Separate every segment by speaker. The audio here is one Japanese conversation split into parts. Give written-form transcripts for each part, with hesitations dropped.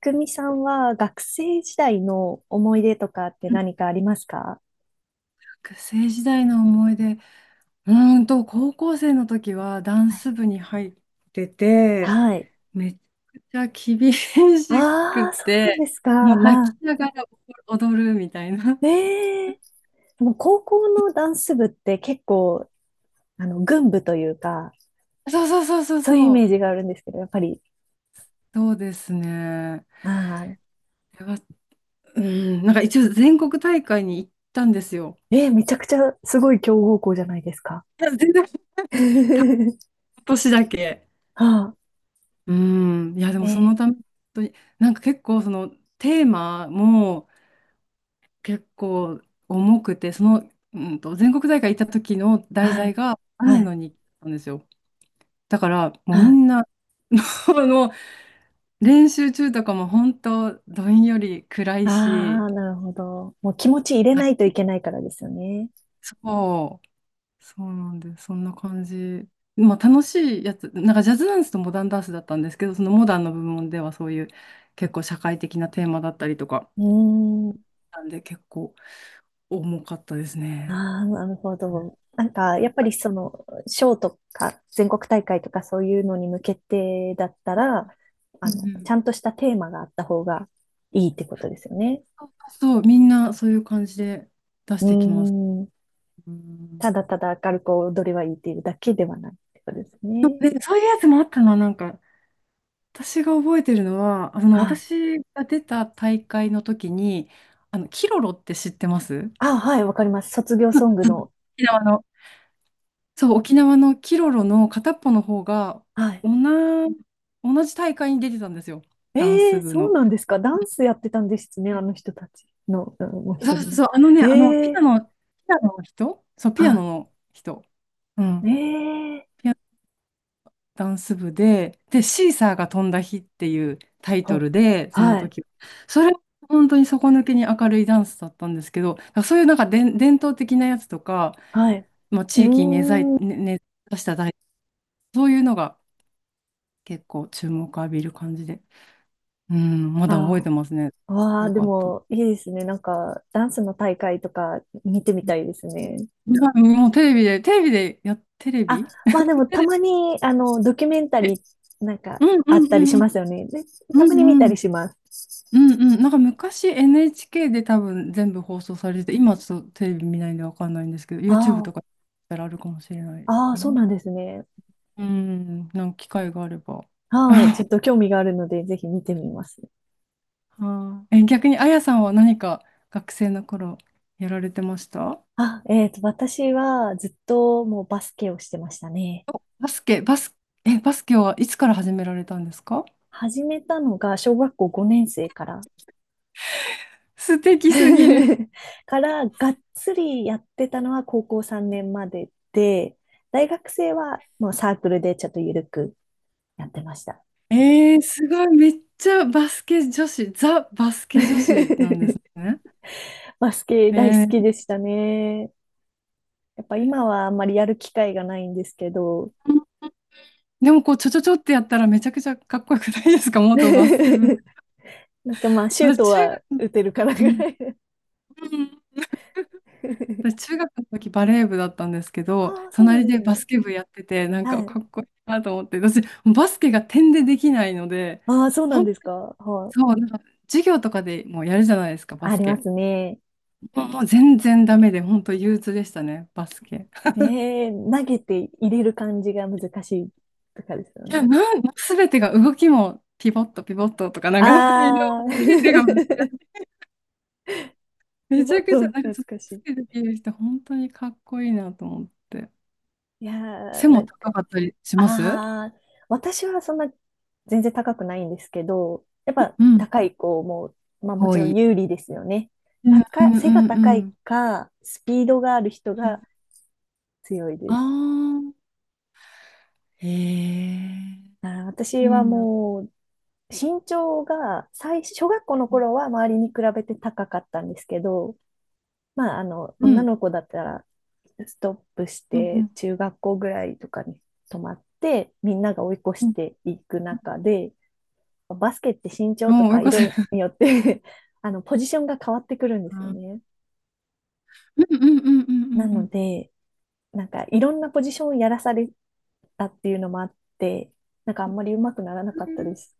Speaker 1: くみさんは学生時代の思い出とかって何かありますか？
Speaker 2: 学生時代の思い出、高校生の時はダン
Speaker 1: はい、
Speaker 2: ス部に入ってて、
Speaker 1: はい。
Speaker 2: めちゃくちゃ厳し
Speaker 1: あ
Speaker 2: く
Speaker 1: あ、そうなん
Speaker 2: て、
Speaker 1: ですか。
Speaker 2: もう泣き
Speaker 1: は
Speaker 2: ながら踊るみたいな。
Speaker 1: い。ええ。でもう高校のダンス部って結構、群舞というか、
Speaker 2: そうそうそうそう
Speaker 1: そういうイ
Speaker 2: そ
Speaker 1: メー
Speaker 2: う。
Speaker 1: ジがあるんですけど、やっぱり、
Speaker 2: そうですね。
Speaker 1: ああ、
Speaker 2: これは、うん、なんか一応全国大会に行ったんですよ。
Speaker 1: めちゃくちゃすごい強豪校じゃないですか。
Speaker 2: いや全然、たっ た年だけ。
Speaker 1: はあ、
Speaker 2: うん、いやで
Speaker 1: え
Speaker 2: もその
Speaker 1: ー
Speaker 2: ため、本当になんか結構そのテーマも、結構重くて、その、全国大会行った時の題
Speaker 1: は
Speaker 2: 材
Speaker 1: い、
Speaker 2: が
Speaker 1: は
Speaker 2: 雨
Speaker 1: い、
Speaker 2: の日記だったんですよ。だから、もう
Speaker 1: は
Speaker 2: み
Speaker 1: い。
Speaker 2: んな、あの、練習中とかも本当、どんより暗い
Speaker 1: あ
Speaker 2: し、
Speaker 1: あ、なるほど。もう気持ち入れないと
Speaker 2: あ
Speaker 1: いけないからですよね。
Speaker 2: そう、そうなんで、そんな感じ。まあ、楽しいやつ、なんかジャズダンスとモダンダンスだったんですけど、そのモダンの部門ではそういう結構社会的なテーマだったりとか、
Speaker 1: うーん。
Speaker 2: なんで結構重かったです
Speaker 1: あ
Speaker 2: ね。
Speaker 1: あ、なるほ
Speaker 2: う
Speaker 1: ど。なんか、や
Speaker 2: ん
Speaker 1: っぱりその、賞とか、全国大会とかそういうのに向けてだったら、
Speaker 2: う
Speaker 1: ち
Speaker 2: ん
Speaker 1: ゃんとしたテーマがあった方がいいってことですよね。
Speaker 2: そう、みんなそういう感じで出し
Speaker 1: う
Speaker 2: てきます。
Speaker 1: ーん。
Speaker 2: うん。
Speaker 1: ただただ明るく踊りはいいっていうだけではないってことですね。
Speaker 2: で、そういうやつもあったな、なんか、私が覚えてるのは、あの、
Speaker 1: はい。
Speaker 2: 私が出た大会の時に、あの、キロロって知ってます？う
Speaker 1: あ、はい、わかります。卒業
Speaker 2: ん、
Speaker 1: ソングの。
Speaker 2: 沖縄の、そう、沖縄のキロロの片っぽの方が、
Speaker 1: はい。
Speaker 2: 同じ、同じ大会に出てたんですよ、ダン
Speaker 1: え
Speaker 2: ス
Speaker 1: え、
Speaker 2: 部
Speaker 1: そう
Speaker 2: の。
Speaker 1: なんですか。ダンスやってたんですね。あ
Speaker 2: え
Speaker 1: の人たちの、うん、もう一
Speaker 2: そ
Speaker 1: 人
Speaker 2: うそ
Speaker 1: に
Speaker 2: う
Speaker 1: なっ
Speaker 2: そう、
Speaker 1: て。
Speaker 2: あのね、あの、
Speaker 1: え
Speaker 2: ピア
Speaker 1: え、
Speaker 2: ノ、ピアノの人、そう、ピアノ
Speaker 1: は
Speaker 2: の人。うん。
Speaker 1: い。ええ、
Speaker 2: ダンス部で、シーサーが飛んだ日っていうタイト
Speaker 1: ほ、
Speaker 2: ルで、その
Speaker 1: はい。
Speaker 2: 時、それ、本当に底抜けに明るいダンスだったんですけど、だからそういうなんか伝統的なやつとか、
Speaker 1: はい。
Speaker 2: まあ、
Speaker 1: う
Speaker 2: 地域に
Speaker 1: ーん。
Speaker 2: 根ざしたダンス、そういうのが結構注目を浴びる感じで、うん、まだ覚え
Speaker 1: あ
Speaker 2: てますね。
Speaker 1: あ、わ
Speaker 2: よ
Speaker 1: あ、で
Speaker 2: かった。い
Speaker 1: もいいですね。なんか、ダンスの大会とか見てみたいですね。
Speaker 2: や、もうテレビで、テレビで、や、テレ
Speaker 1: あ、
Speaker 2: ビ
Speaker 1: まあでも
Speaker 2: テ
Speaker 1: た
Speaker 2: レ
Speaker 1: まに、ドキュメンタ
Speaker 2: ビ、
Speaker 1: リーなんか
Speaker 2: うん
Speaker 1: あ
Speaker 2: う
Speaker 1: っ
Speaker 2: ん
Speaker 1: たりし
Speaker 2: うん
Speaker 1: ますよね。で
Speaker 2: う
Speaker 1: た
Speaker 2: んう
Speaker 1: まに見
Speaker 2: ん
Speaker 1: た
Speaker 2: うん。
Speaker 1: りします。
Speaker 2: うんうん。なんか昔 NHK で多分全部放送されてて、今ちょっとテレビ見ないんでわかんないんですけど、YouTube
Speaker 1: あ
Speaker 2: とかだったらあるかもしれない
Speaker 1: あ、ああ、
Speaker 2: か
Speaker 1: そう
Speaker 2: な。
Speaker 1: なんですね。
Speaker 2: うん、なんか機会があれば。
Speaker 1: はい。ちょっ と興味があるので、ぜひ見てみます。
Speaker 2: あーえ、逆にあやさんは何か学生の頃やられてました？
Speaker 1: あ、私はずっともうバスケをしてましたね。
Speaker 2: バスケ、バス、バスケはいつから始められたんですか？
Speaker 1: 始めたのが小学校5年生から
Speaker 2: 素敵すぎる。
Speaker 1: からがっつりやってたのは高校3年までで、大学生はもうサークルでちょっとゆるくやってました。
Speaker 2: すごい、めっちゃバスケ女子、ザ・バスケ女子なんです ね。
Speaker 1: バスケ
Speaker 2: え
Speaker 1: 大好き
Speaker 2: ー
Speaker 1: でしたね。やっぱ今はあんまりやる機会がないんですけど、
Speaker 2: でもこう、ちょちょちょってやったらめちゃくちゃかっこよくないですか？ 元バスケ部。
Speaker 1: なんかまあシュート
Speaker 2: 私、中
Speaker 1: は
Speaker 2: 学、
Speaker 1: 打てるから
Speaker 2: う
Speaker 1: ぐ
Speaker 2: ん、
Speaker 1: らい。
Speaker 2: うん私、中学の時バレー部だったんですけど、
Speaker 1: ああ、そうなん
Speaker 2: 隣
Speaker 1: で
Speaker 2: で
Speaker 1: す
Speaker 2: バ
Speaker 1: ね。
Speaker 2: スケ部やってて、なんか
Speaker 1: はい。
Speaker 2: かっこいいなと思って、私、バスケが点でできないので、
Speaker 1: ああ、そうなん
Speaker 2: 本
Speaker 1: で
Speaker 2: 当
Speaker 1: すか。
Speaker 2: に、
Speaker 1: はい。
Speaker 2: そう、なんか授業とかでもうやるじゃないですか、バ
Speaker 1: あ
Speaker 2: ス
Speaker 1: りま
Speaker 2: ケ。
Speaker 1: すね。
Speaker 2: もうもう全然ダメで、本当憂鬱でしたね、バスケ。
Speaker 1: 投げて入れる感じが難しいとかですよ
Speaker 2: いや、
Speaker 1: ね。
Speaker 2: すべてが動きも、ピボット、ピボットとか、なんか、いろいろ、
Speaker 1: ああ、
Speaker 2: すべてが
Speaker 1: リ
Speaker 2: めち
Speaker 1: モ
Speaker 2: ゃ
Speaker 1: ー
Speaker 2: くち
Speaker 1: ト
Speaker 2: ゃ、な んか
Speaker 1: 懐
Speaker 2: その
Speaker 1: かし
Speaker 2: つ
Speaker 1: い。
Speaker 2: けてきる人、本当にかっこいいなと思って。
Speaker 1: いや
Speaker 2: 背
Speaker 1: ー、な
Speaker 2: も
Speaker 1: んか、
Speaker 2: 高かったりします？
Speaker 1: ああ、私はそんな全然高くないんですけど、やっぱ
Speaker 2: うん。
Speaker 1: 高い子も、まあも
Speaker 2: 多
Speaker 1: ちろん
Speaker 2: い。
Speaker 1: 有利ですよね。
Speaker 2: うんう
Speaker 1: 高い、
Speaker 2: ん
Speaker 1: 背が
Speaker 2: うんう
Speaker 1: 高い
Speaker 2: ん。
Speaker 1: か、スピードがある人が強いで
Speaker 2: あ
Speaker 1: す。
Speaker 2: あー。へえ。
Speaker 1: あー、
Speaker 2: い
Speaker 1: 私
Speaker 2: い
Speaker 1: は
Speaker 2: な。
Speaker 1: もう、身長が最、小学校の
Speaker 2: うん
Speaker 1: 頃は周りに比べて高かったんですけど、まあ、
Speaker 2: う
Speaker 1: 女
Speaker 2: ん
Speaker 1: の子だったら、ストップし
Speaker 2: う
Speaker 1: て、
Speaker 2: ん
Speaker 1: 中学校ぐらいとかに泊まって、みんなが追い越し
Speaker 2: うん。
Speaker 1: ていく中で、バスケって身長と
Speaker 2: おーよ
Speaker 1: か
Speaker 2: かったあー、追い
Speaker 1: 色
Speaker 2: 越せる。
Speaker 1: によって ポジションが変わってくるん
Speaker 2: う
Speaker 1: ですよ
Speaker 2: ん
Speaker 1: ね。
Speaker 2: うんうんうんう
Speaker 1: な
Speaker 2: んう
Speaker 1: の
Speaker 2: ん。
Speaker 1: で、なんか、いろんなポジションをやらされたっていうのもあって、なんかあんまり上手くならな
Speaker 2: う
Speaker 1: かったで
Speaker 2: ん
Speaker 1: す。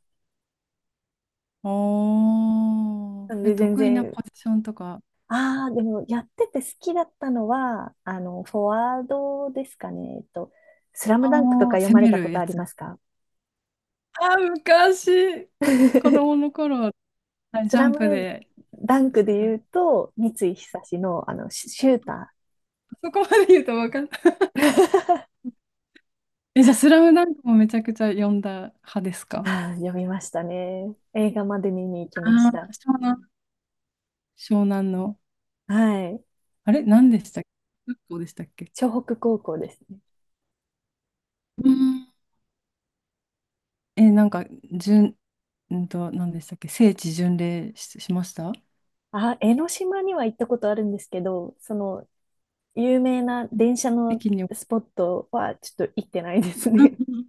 Speaker 2: おー、
Speaker 1: なので、全
Speaker 2: 得意な
Speaker 1: 然、
Speaker 2: ポジションとか、
Speaker 1: ああ、でもやってて好きだったのは、フォワードですかね。スラ
Speaker 2: あ
Speaker 1: ムダンクとか
Speaker 2: あ、
Speaker 1: 読
Speaker 2: 攻
Speaker 1: まれ
Speaker 2: め
Speaker 1: たこ
Speaker 2: る
Speaker 1: と
Speaker 2: や
Speaker 1: あり
Speaker 2: つ。
Speaker 1: ますか？
Speaker 2: あー、昔、子 供の頃は、はい
Speaker 1: ス
Speaker 2: ジャ
Speaker 1: ラ
Speaker 2: ン
Speaker 1: ム
Speaker 2: プで
Speaker 1: ダンク
Speaker 2: し
Speaker 1: で
Speaker 2: た。
Speaker 1: 言うと、三井久の、シシュータ
Speaker 2: そこまで言うと分かんない。
Speaker 1: ー。
Speaker 2: じゃあ、スラムダンクもめちゃくちゃ読んだ派ですか？
Speaker 1: ああ、読みましたね。映画まで見に行きま
Speaker 2: あ
Speaker 1: し
Speaker 2: あー、
Speaker 1: た。
Speaker 2: 湘南の。
Speaker 1: はい。
Speaker 2: あれ何でしたっけ？学校でしたっけ？
Speaker 1: 湘北高校ですね。
Speaker 2: うん。なんか、順、何でしたっけ？聖地巡礼し、しました？う
Speaker 1: あ、江ノ島には行ったことあるんですけど、その、有名な
Speaker 2: ん、
Speaker 1: 電車
Speaker 2: 北
Speaker 1: の
Speaker 2: 京に。うん
Speaker 1: スポットはちょっと行ってないです
Speaker 2: う
Speaker 1: ね。
Speaker 2: ん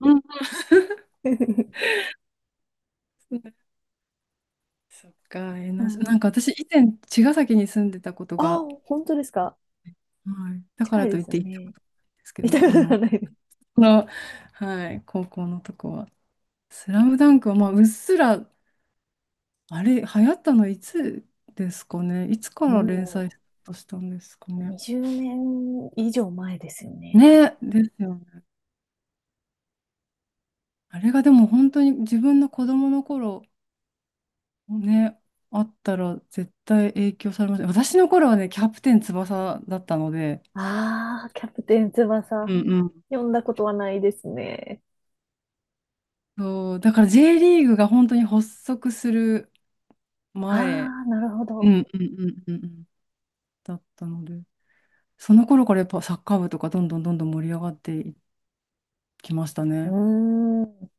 Speaker 2: うんうん そっか、
Speaker 1: う
Speaker 2: な
Speaker 1: ん。
Speaker 2: んか私、以前、茅ヶ崎に住んでたこと
Speaker 1: あ
Speaker 2: が
Speaker 1: あ、本当です
Speaker 2: あっ
Speaker 1: か。
Speaker 2: て、はい、だか
Speaker 1: 近
Speaker 2: ら
Speaker 1: い
Speaker 2: と
Speaker 1: で
Speaker 2: いっ
Speaker 1: すよ
Speaker 2: て行ったこと
Speaker 1: ね。
Speaker 2: ないんですけ
Speaker 1: 見た
Speaker 2: ど、
Speaker 1: こ
Speaker 2: あ
Speaker 1: と
Speaker 2: の、
Speaker 1: がないです。
Speaker 2: この、はい、高校のとこは。スラムダンクは、まあ、うっすら、あれ、流行ったのいつですかね。いつから連載
Speaker 1: も
Speaker 2: スタートしたんですか
Speaker 1: う、
Speaker 2: ね。
Speaker 1: 20年以上前ですよね、多分。
Speaker 2: ね、ですよね。あれがでも本当に自分の子供の頃、ね、あったら絶対影響されます。私の頃はね、キャプテン翼だったので、
Speaker 1: ああ、キャプテン
Speaker 2: う
Speaker 1: 翼。
Speaker 2: んうん。
Speaker 1: 読んだことはないですね。
Speaker 2: そう、だから J リーグが本当に発足する
Speaker 1: あ
Speaker 2: 前。
Speaker 1: あ、なるほ
Speaker 2: う
Speaker 1: ど。
Speaker 2: んうんうんうんうん。だったので、その頃からやっぱサッカー部とかどんどんどんどん盛り上がっていきました
Speaker 1: う
Speaker 2: ね。
Speaker 1: ーん。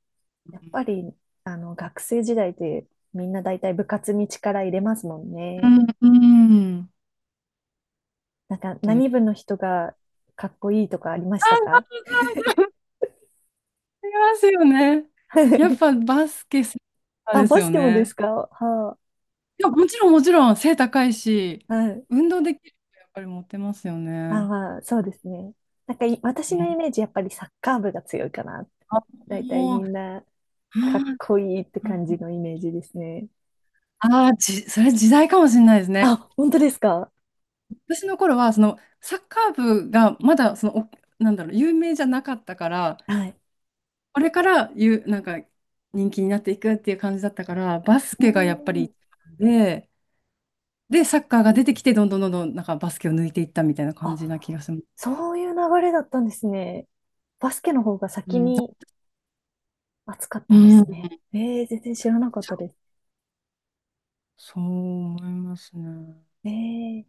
Speaker 1: やっぱり、学生時代ってみんな大体部活に力入れますもん
Speaker 2: う
Speaker 1: ね。
Speaker 2: ん、うんっ
Speaker 1: なんか、
Speaker 2: て
Speaker 1: 何部の人がかっこいいとかありまし
Speaker 2: あ。
Speaker 1: たか？
Speaker 2: ありますよね。
Speaker 1: は
Speaker 2: やっ
Speaker 1: い。
Speaker 2: ぱバスケセン ター
Speaker 1: あ、
Speaker 2: です
Speaker 1: バス
Speaker 2: よ
Speaker 1: ケもです
Speaker 2: ね。
Speaker 1: か？は
Speaker 2: いや、もちろんもちろん背高いし、
Speaker 1: あ、はい。
Speaker 2: 運動できるとやっぱりモテますよね。
Speaker 1: ああ、そうですね。なんかい私
Speaker 2: う
Speaker 1: のイ
Speaker 2: ん
Speaker 1: メージ、やっぱりサッカー部が強いかな。
Speaker 2: あ、
Speaker 1: だいたい
Speaker 2: も
Speaker 1: み
Speaker 2: う、
Speaker 1: んなかっこいいって感じのイメージですね。
Speaker 2: ああー、それ時代かもしれないですね。
Speaker 1: あ、本当ですか？
Speaker 2: 私の頃は、その、サッカー部がまだ、その、なんだろう、有名じゃなかったから、
Speaker 1: はい。
Speaker 2: これからなんか、人気になっていくっていう感じだったから、バス
Speaker 1: う
Speaker 2: ケがやっぱ
Speaker 1: ー
Speaker 2: り一
Speaker 1: ん。
Speaker 2: 番で、サッカーが出てきて、どんどんどんどん、なんかバスケを抜いていったみたいな感じな気
Speaker 1: あ、
Speaker 2: がします。
Speaker 1: そういう流れだったんですね。バスケの方が
Speaker 2: う
Speaker 1: 先
Speaker 2: ん。
Speaker 1: に熱かっ
Speaker 2: う
Speaker 1: たんで
Speaker 2: ん。
Speaker 1: すね。ええ、全然知らなかったです。
Speaker 2: そう思いますね。
Speaker 1: えー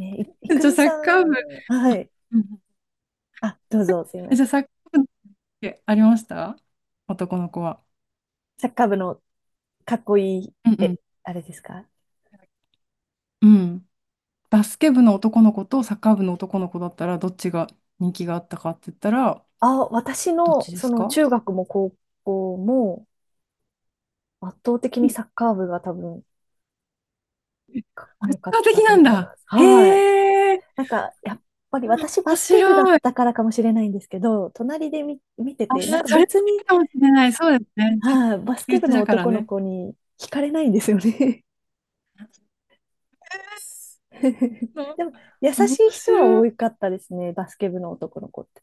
Speaker 1: え、ねい、い く
Speaker 2: じゃあ、
Speaker 1: み
Speaker 2: サ
Speaker 1: さ
Speaker 2: ッカー部、
Speaker 1: ん、はい。
Speaker 2: うんうん
Speaker 1: あ、どうぞ、すみま
Speaker 2: じゃ
Speaker 1: せ
Speaker 2: あ、
Speaker 1: ん。
Speaker 2: サッカー部ってありました？男の子は。
Speaker 1: サッカー部のかっこいい、
Speaker 2: うんうん。
Speaker 1: え、あれですか？
Speaker 2: うん。バスケ部の男の子とサッカー部の男の子だったら、どっちが人気があったかって言ったら、
Speaker 1: あ、私
Speaker 2: どっ
Speaker 1: の、
Speaker 2: ちで
Speaker 1: そ
Speaker 2: す
Speaker 1: の
Speaker 2: か？
Speaker 1: 中学も高校も圧倒的
Speaker 2: う
Speaker 1: に
Speaker 2: ん
Speaker 1: サッカー部が多分
Speaker 2: え
Speaker 1: かっこよ
Speaker 2: 圧
Speaker 1: かっ
Speaker 2: 倒
Speaker 1: た
Speaker 2: 的
Speaker 1: と
Speaker 2: な
Speaker 1: 思
Speaker 2: ん
Speaker 1: いま
Speaker 2: だ。
Speaker 1: す。はい。
Speaker 2: へえ、
Speaker 1: なんか、やっぱり私バ
Speaker 2: 面
Speaker 1: ス
Speaker 2: 白
Speaker 1: ケ部だっ
Speaker 2: い。
Speaker 1: たからかもしれないんですけど、隣で見、見て
Speaker 2: あ、
Speaker 1: て、
Speaker 2: そ
Speaker 1: なんか
Speaker 2: れもい
Speaker 1: 別に、
Speaker 2: いかもしれない。そうですね。自分
Speaker 1: はい、バス
Speaker 2: 身
Speaker 1: ケ部
Speaker 2: 内
Speaker 1: の
Speaker 2: だから
Speaker 1: 男の
Speaker 2: ね。
Speaker 1: 子に惹かれないんですよね。
Speaker 2: の
Speaker 1: でも、優
Speaker 2: 面
Speaker 1: しい人は
Speaker 2: 白い。
Speaker 1: 多かったですね、バスケ部の男の子って。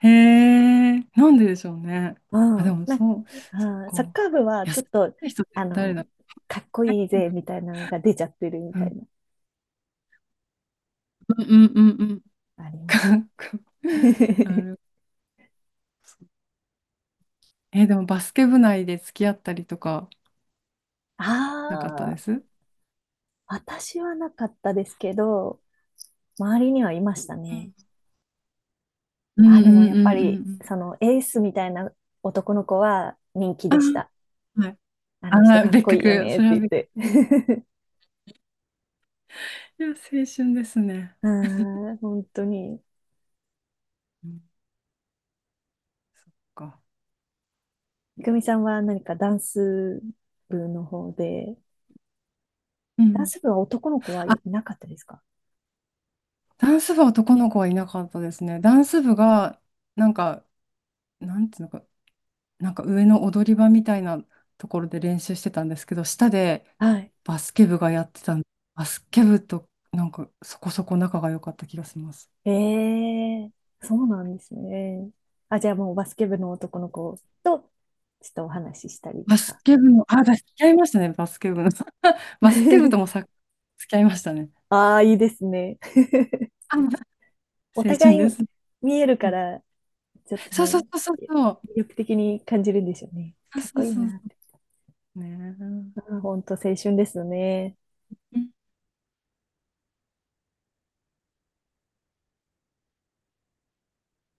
Speaker 2: へえ、なんででしょうね。
Speaker 1: う
Speaker 2: あ、で
Speaker 1: ん。
Speaker 2: も
Speaker 1: なんか、
Speaker 2: そう、そっ
Speaker 1: あーサッ
Speaker 2: か。
Speaker 1: カー部は
Speaker 2: 優
Speaker 1: ちょ
Speaker 2: し
Speaker 1: っと、
Speaker 2: い人って
Speaker 1: あ
Speaker 2: 誰
Speaker 1: の、
Speaker 2: だ？
Speaker 1: かっこいいぜみたいなのが出ちゃってるみ
Speaker 2: う
Speaker 1: た
Speaker 2: ん、
Speaker 1: いな
Speaker 2: うんうんうん
Speaker 1: ありました。
Speaker 2: うん。な るほど。でもバスケ部内で付き合ったりとかなかったで
Speaker 1: あ
Speaker 2: す？
Speaker 1: あ、
Speaker 2: う
Speaker 1: 私はなかったですけど、周りにはいましたね。
Speaker 2: んう
Speaker 1: あ、
Speaker 2: んう
Speaker 1: でもやっ
Speaker 2: ん
Speaker 1: ぱ
Speaker 2: う
Speaker 1: り、
Speaker 2: ん
Speaker 1: そのエースみたいな男の子は人気
Speaker 2: う
Speaker 1: でし
Speaker 2: ん。
Speaker 1: た。
Speaker 2: あ、はい。
Speaker 1: あの人
Speaker 2: あ、
Speaker 1: かっ
Speaker 2: 別
Speaker 1: こいいよ
Speaker 2: 格。
Speaker 1: ねっ
Speaker 2: そ
Speaker 1: て
Speaker 2: れは
Speaker 1: 言っ
Speaker 2: 別
Speaker 1: て。
Speaker 2: 格。いや、青春ですね。
Speaker 1: うん、本当に。
Speaker 2: うん、そっか。
Speaker 1: いくみさんは何かダンス部の方で、
Speaker 2: う
Speaker 1: ダン
Speaker 2: ん。
Speaker 1: ス部は男の子は
Speaker 2: あ、
Speaker 1: いなかったですか？
Speaker 2: ダンス部は男の子はいなかったですね。ダンス部が、なんか、なんていうのか、なんか上の踊り場みたいなところで練習してたんですけど、下で
Speaker 1: はい。
Speaker 2: バスケ部がやってたんで、バスケ部となんかそこそこ仲が良かった気がします。
Speaker 1: ええ、そうなんですね。あ、じゃあもうバスケ部の男の子と、ちょっとお話ししたりと
Speaker 2: バス
Speaker 1: か。
Speaker 2: ケ部の、付き合いましたね、バスケ部の。バスケ部ともさ、付き合いましたね。
Speaker 1: ああ、いいですね。
Speaker 2: あ、
Speaker 1: お
Speaker 2: 青
Speaker 1: 互
Speaker 2: 春
Speaker 1: い
Speaker 2: です。
Speaker 1: 見える
Speaker 2: う
Speaker 1: か
Speaker 2: ん
Speaker 1: ら、ちょっと
Speaker 2: そうそ
Speaker 1: ね、
Speaker 2: うそうそうそう。
Speaker 1: 魅力的に感じるんでしょうね。
Speaker 2: そう
Speaker 1: かっ
Speaker 2: そ
Speaker 1: こ
Speaker 2: う
Speaker 1: いい
Speaker 2: そうそ
Speaker 1: なって。
Speaker 2: う。ね
Speaker 1: あー、本当青春ですよね。